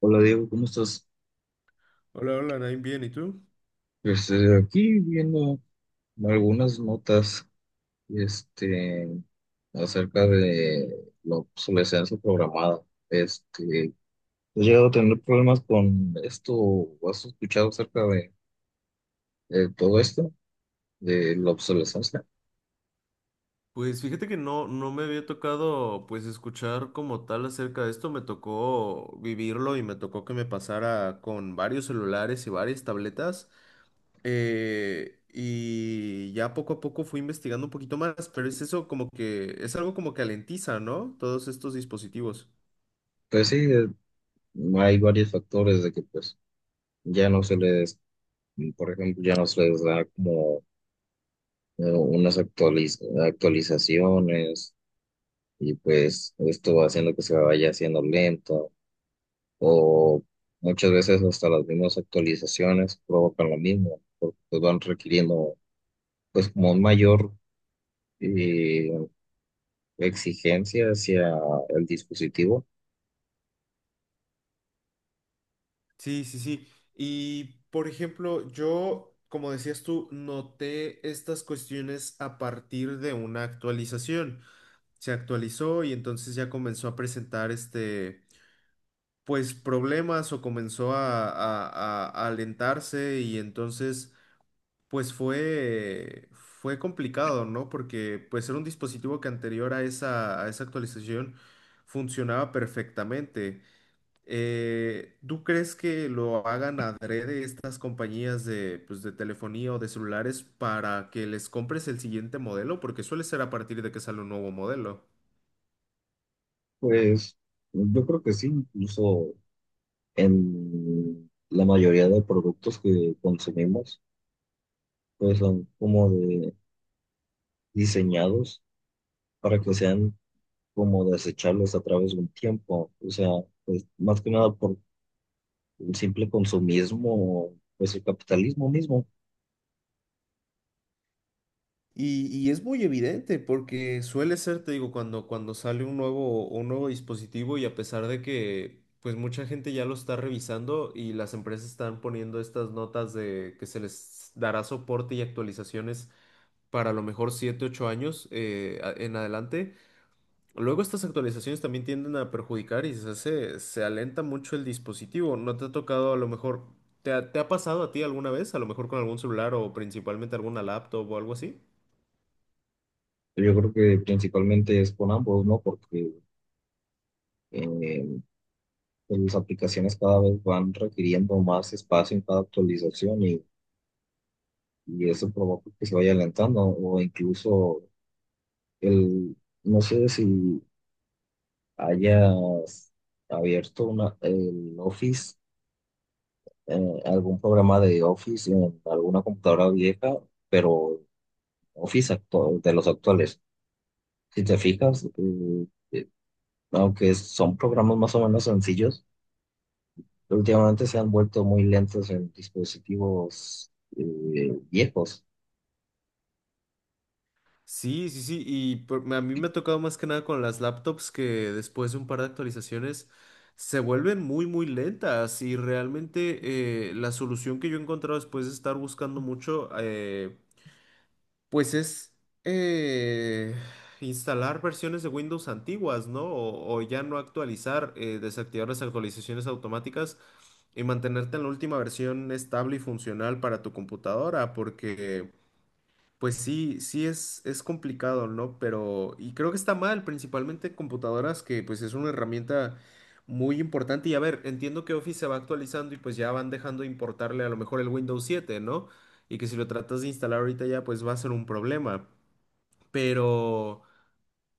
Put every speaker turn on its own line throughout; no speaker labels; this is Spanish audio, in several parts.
Hola Diego, ¿cómo estás?
Hola, hola, Nain, bien, ¿y tú?
Pues aquí viendo algunas notas este, acerca de la obsolescencia programada. Este, ¿has llegado a tener problemas con esto o has escuchado acerca de todo esto, de la obsolescencia?
Pues fíjate que no me había tocado pues escuchar como tal acerca de esto, me tocó vivirlo y me tocó que me pasara con varios celulares y varias tabletas y ya poco a poco fui investigando un poquito más, pero es eso como que es algo como que alentiza, ¿no? Todos estos dispositivos.
Pues sí, hay varios factores de que pues ya no se les, por ejemplo, ya no se les da como unas actualizaciones y pues esto va haciendo que se vaya haciendo lento o muchas veces hasta las mismas actualizaciones provocan lo mismo porque pues van requiriendo pues como un mayor eh, exigencia hacia el dispositivo.
Sí, sí, sí. Y por ejemplo, yo, como decías tú, noté estas cuestiones a partir de una actualización. Se actualizó y entonces ya comenzó a presentar pues problemas o comenzó a alentarse y entonces pues fue complicado, ¿no? Porque pues era un dispositivo que anterior a esa actualización funcionaba perfectamente. ¿Tú crees que lo hagan adrede estas compañías de, pues, de telefonía o de celulares para que les compres el siguiente modelo? Porque suele ser a partir de que sale un nuevo modelo.
Pues yo creo que sí, incluso en la mayoría de productos que consumimos pues son como de diseñados para que sean como desechables a través de un tiempo, o sea, pues más que nada el simple consumismo, o pues el capitalismo mismo.
Y es muy evidente porque suele ser, te digo, cuando sale un nuevo dispositivo y a pesar de que pues mucha gente ya lo está revisando y las empresas están poniendo estas notas de que se les dará soporte y actualizaciones para a lo mejor 7 u 8 años en adelante, luego estas actualizaciones también tienden a perjudicar y se alenta mucho el dispositivo. ¿No te ha tocado a lo mejor, te ha pasado a ti alguna vez, a lo mejor con algún celular o principalmente alguna laptop o algo así?
Yo creo que principalmente es con ambos, ¿no? Porque eh, pues, las aplicaciones cada vez van requiriendo más espacio en cada actualización, y eso provoca que se vaya alentando, o incluso el, no sé si hayas abierto una, el Office, algún programa de Office en alguna computadora vieja, pero Office de los actuales. Si te fijas, aunque son programas más o menos sencillos, pero últimamente se han vuelto muy lentos en dispositivos viejos.
Sí, sí, sí, a mí me ha tocado más que nada con las laptops que después de un par de actualizaciones se vuelven muy lentas y realmente la solución que yo he encontrado después de estar buscando mucho, pues es eh, instalar versiones de Windows antiguas, ¿no? O ya no actualizar, desactivar las actualizaciones automáticas y mantenerte en la última versión estable y funcional para tu computadora, porque... Pues sí, sí es complicado, ¿no? Pero, y creo que está mal, principalmente computadoras, que pues es una herramienta muy importante. Y a ver, entiendo que Office se va actualizando y pues ya van dejando de importarle a lo mejor el Windows siete, ¿no? Y que si lo tratas de instalar ahorita ya pues va a ser un problema. Pero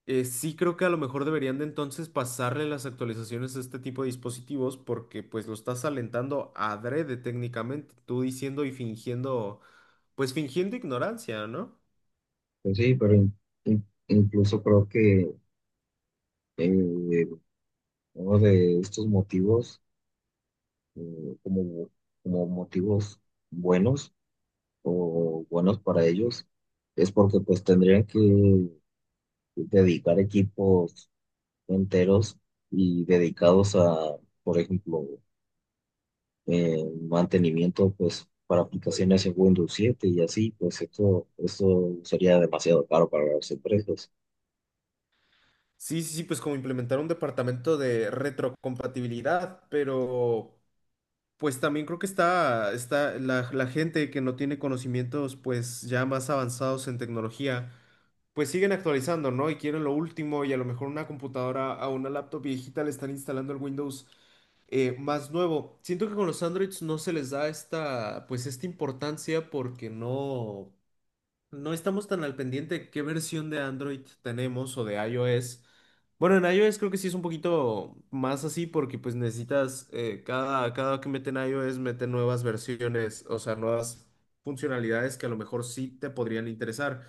sí creo que a lo mejor deberían de entonces pasarle las actualizaciones a este tipo de dispositivos porque pues lo estás alentando adrede técnicamente, tú diciendo y fingiendo, pues fingiendo ignorancia, ¿no?
Pues sí, pero incluso creo que eh, uno de estos motivos, eh, como, como motivos buenos o buenos para ellos, es porque pues tendrían que dedicar equipos enteros y dedicados a, por ejemplo, eh, mantenimiento pues para aplicaciones en Windows 7 y así, pues esto sería demasiado caro para las empresas.
Sí, sí, sí, pues como implementar un departamento de retrocompatibilidad, pero pues también creo que está la gente que no tiene conocimientos pues ya más avanzados en tecnología, pues siguen actualizando, ¿no? Y quieren lo último y a lo mejor una computadora a una laptop viejita le están instalando el Windows más nuevo. Siento que con los Androids no se les da esta, pues esta importancia porque no no estamos tan al pendiente de qué versión de Android tenemos o de iOS. Bueno, en iOS creo que sí es un poquito más así porque pues necesitas, cada que meten iOS meten nuevas versiones, o sea, nuevas funcionalidades que a lo mejor sí te podrían interesar.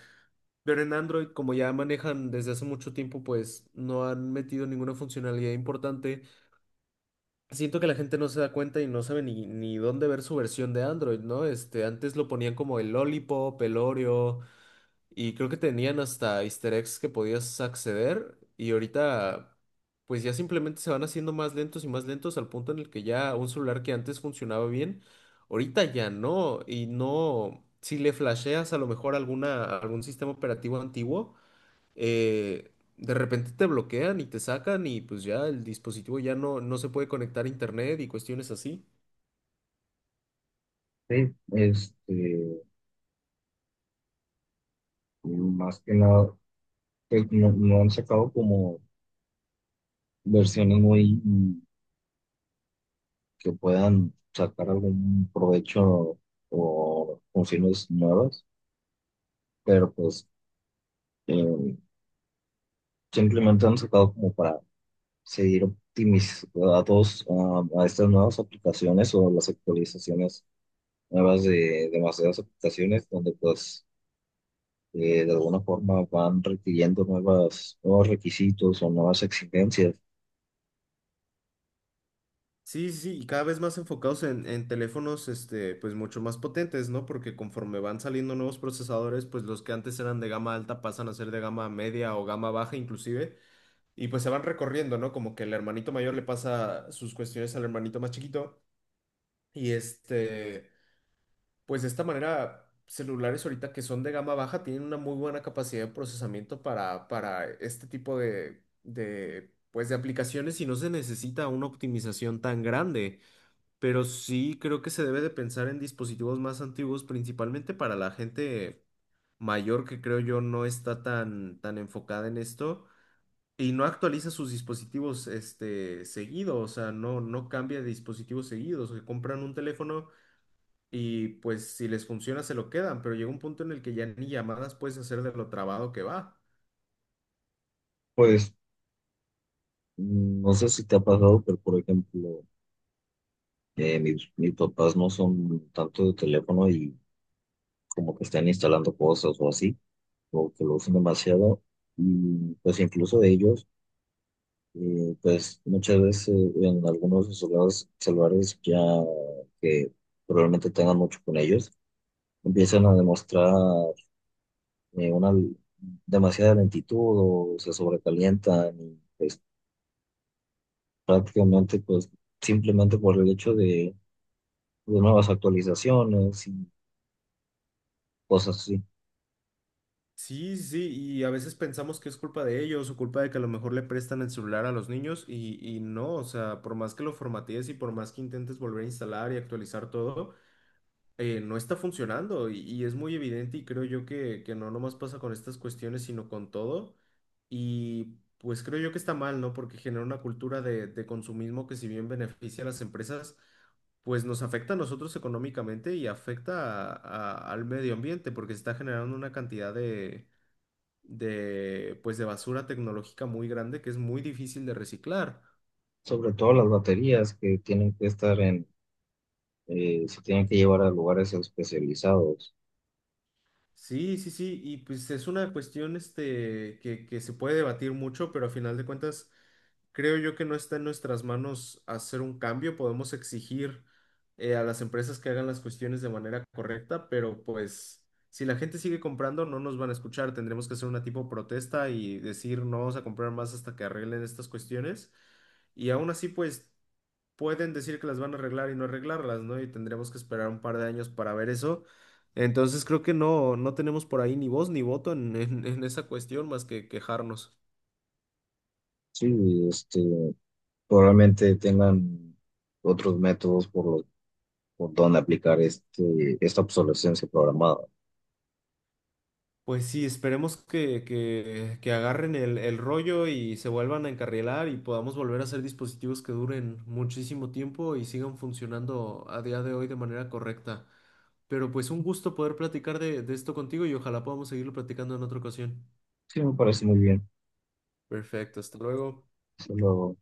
Pero en Android, como ya manejan desde hace mucho tiempo, pues no han metido ninguna funcionalidad importante. Siento que la gente no se da cuenta y no sabe ni dónde ver su versión de Android, ¿no? Este, antes lo ponían como el Lollipop, el Oreo. Y creo que tenían hasta easter eggs que podías acceder. Y ahorita, pues ya simplemente se van haciendo más lentos y más lentos al punto en el que ya un celular que antes funcionaba bien, ahorita ya no. Y no, si le flasheas a lo mejor algún sistema operativo antiguo, de repente te bloquean y te sacan y pues ya el dispositivo ya no se puede conectar a internet y cuestiones así.
Sí, este, más que nada, pues, no, no han sacado como versiones muy que puedan sacar algún provecho o funciones nuevas, pero pues eh, simplemente han sacado como para seguir optimizando a estas nuevas aplicaciones o las actualizaciones nuevas de demasiadas aplicaciones donde pues de alguna forma van requiriendo nuevos requisitos o nuevas exigencias.
Sí, sí, sí, y cada vez más enfocados en teléfonos, este, pues mucho más potentes, ¿no? Porque conforme van saliendo nuevos procesadores, pues los que antes eran de gama alta pasan a ser de gama media o gama baja inclusive, y pues se van recorriendo, ¿no? Como que el hermanito mayor le pasa sus cuestiones al hermanito más chiquito, y este, pues de esta manera, celulares ahorita que son de gama baja tienen una muy buena capacidad de procesamiento para este tipo pues de aplicaciones y no se necesita una optimización tan grande. Pero sí creo que se debe de pensar en dispositivos más antiguos, principalmente para la gente mayor que creo yo no está tan enfocada en esto y no actualiza sus dispositivos este, seguido, o sea, no cambia de dispositivos seguidos, que compran un teléfono y pues si les funciona se lo quedan, pero llega un punto en el que ya ni llamadas puedes hacer de lo trabado que va.
Pues mm, no sé si te ha pasado, pero por ejemplo, mis papás no son tanto de teléfono y como que están instalando cosas o así, o que lo usan demasiado, y pues incluso ellos. Pues muchas veces en algunos de sus celulares ya que probablemente tengan mucho con ellos, empiezan a demostrar una demasiada lentitud o se sobrecalientan y pues, prácticamente pues simplemente por el hecho de nuevas actualizaciones y cosas así.
Sí, sí, y a veces pensamos que es culpa de ellos o culpa de que a lo mejor le prestan el celular a los niños y no, o sea, por más que lo formatees y por más que intentes volver a instalar y actualizar todo, no está funcionando y es muy evidente y creo yo que no nomás pasa con estas cuestiones, sino con todo y pues creo yo que está mal, ¿no? Porque genera una cultura de consumismo que si bien beneficia a las empresas, pues nos afecta a nosotros económicamente y afecta al medio ambiente porque está generando una cantidad de pues de basura tecnológica muy grande que es muy difícil de reciclar.
Sobre todo las baterías que tienen que estar en, se tienen que llevar a lugares especializados.
Sí, sí, sí, y pues es una cuestión este, que se puede debatir mucho, pero a final de cuentas creo yo que no está en nuestras manos hacer un cambio. Podemos exigir a las empresas que hagan las cuestiones de manera correcta, pero pues si la gente sigue comprando no nos van a escuchar. Tendremos que hacer una tipo protesta y decir no vamos a comprar más hasta que arreglen estas cuestiones. Y aún así pues pueden decir que las van a arreglar y no arreglarlas, ¿no? Y tendremos que esperar un par de años para ver eso. Entonces creo que no, no tenemos por ahí ni voz ni voto en, en esa cuestión más que quejarnos.
Sí, este, probablemente tengan otros métodos por los, por donde aplicar este, esta obsolescencia programada.
Pues sí, esperemos que, que agarren el rollo y se vuelvan a encarrilar y podamos volver a hacer dispositivos que duren muchísimo tiempo y sigan funcionando a día de hoy de manera correcta. Pero pues un gusto poder platicar de esto contigo y ojalá podamos seguirlo platicando en otra ocasión.
Sí, me parece muy bien.
Perfecto, hasta luego.
Solo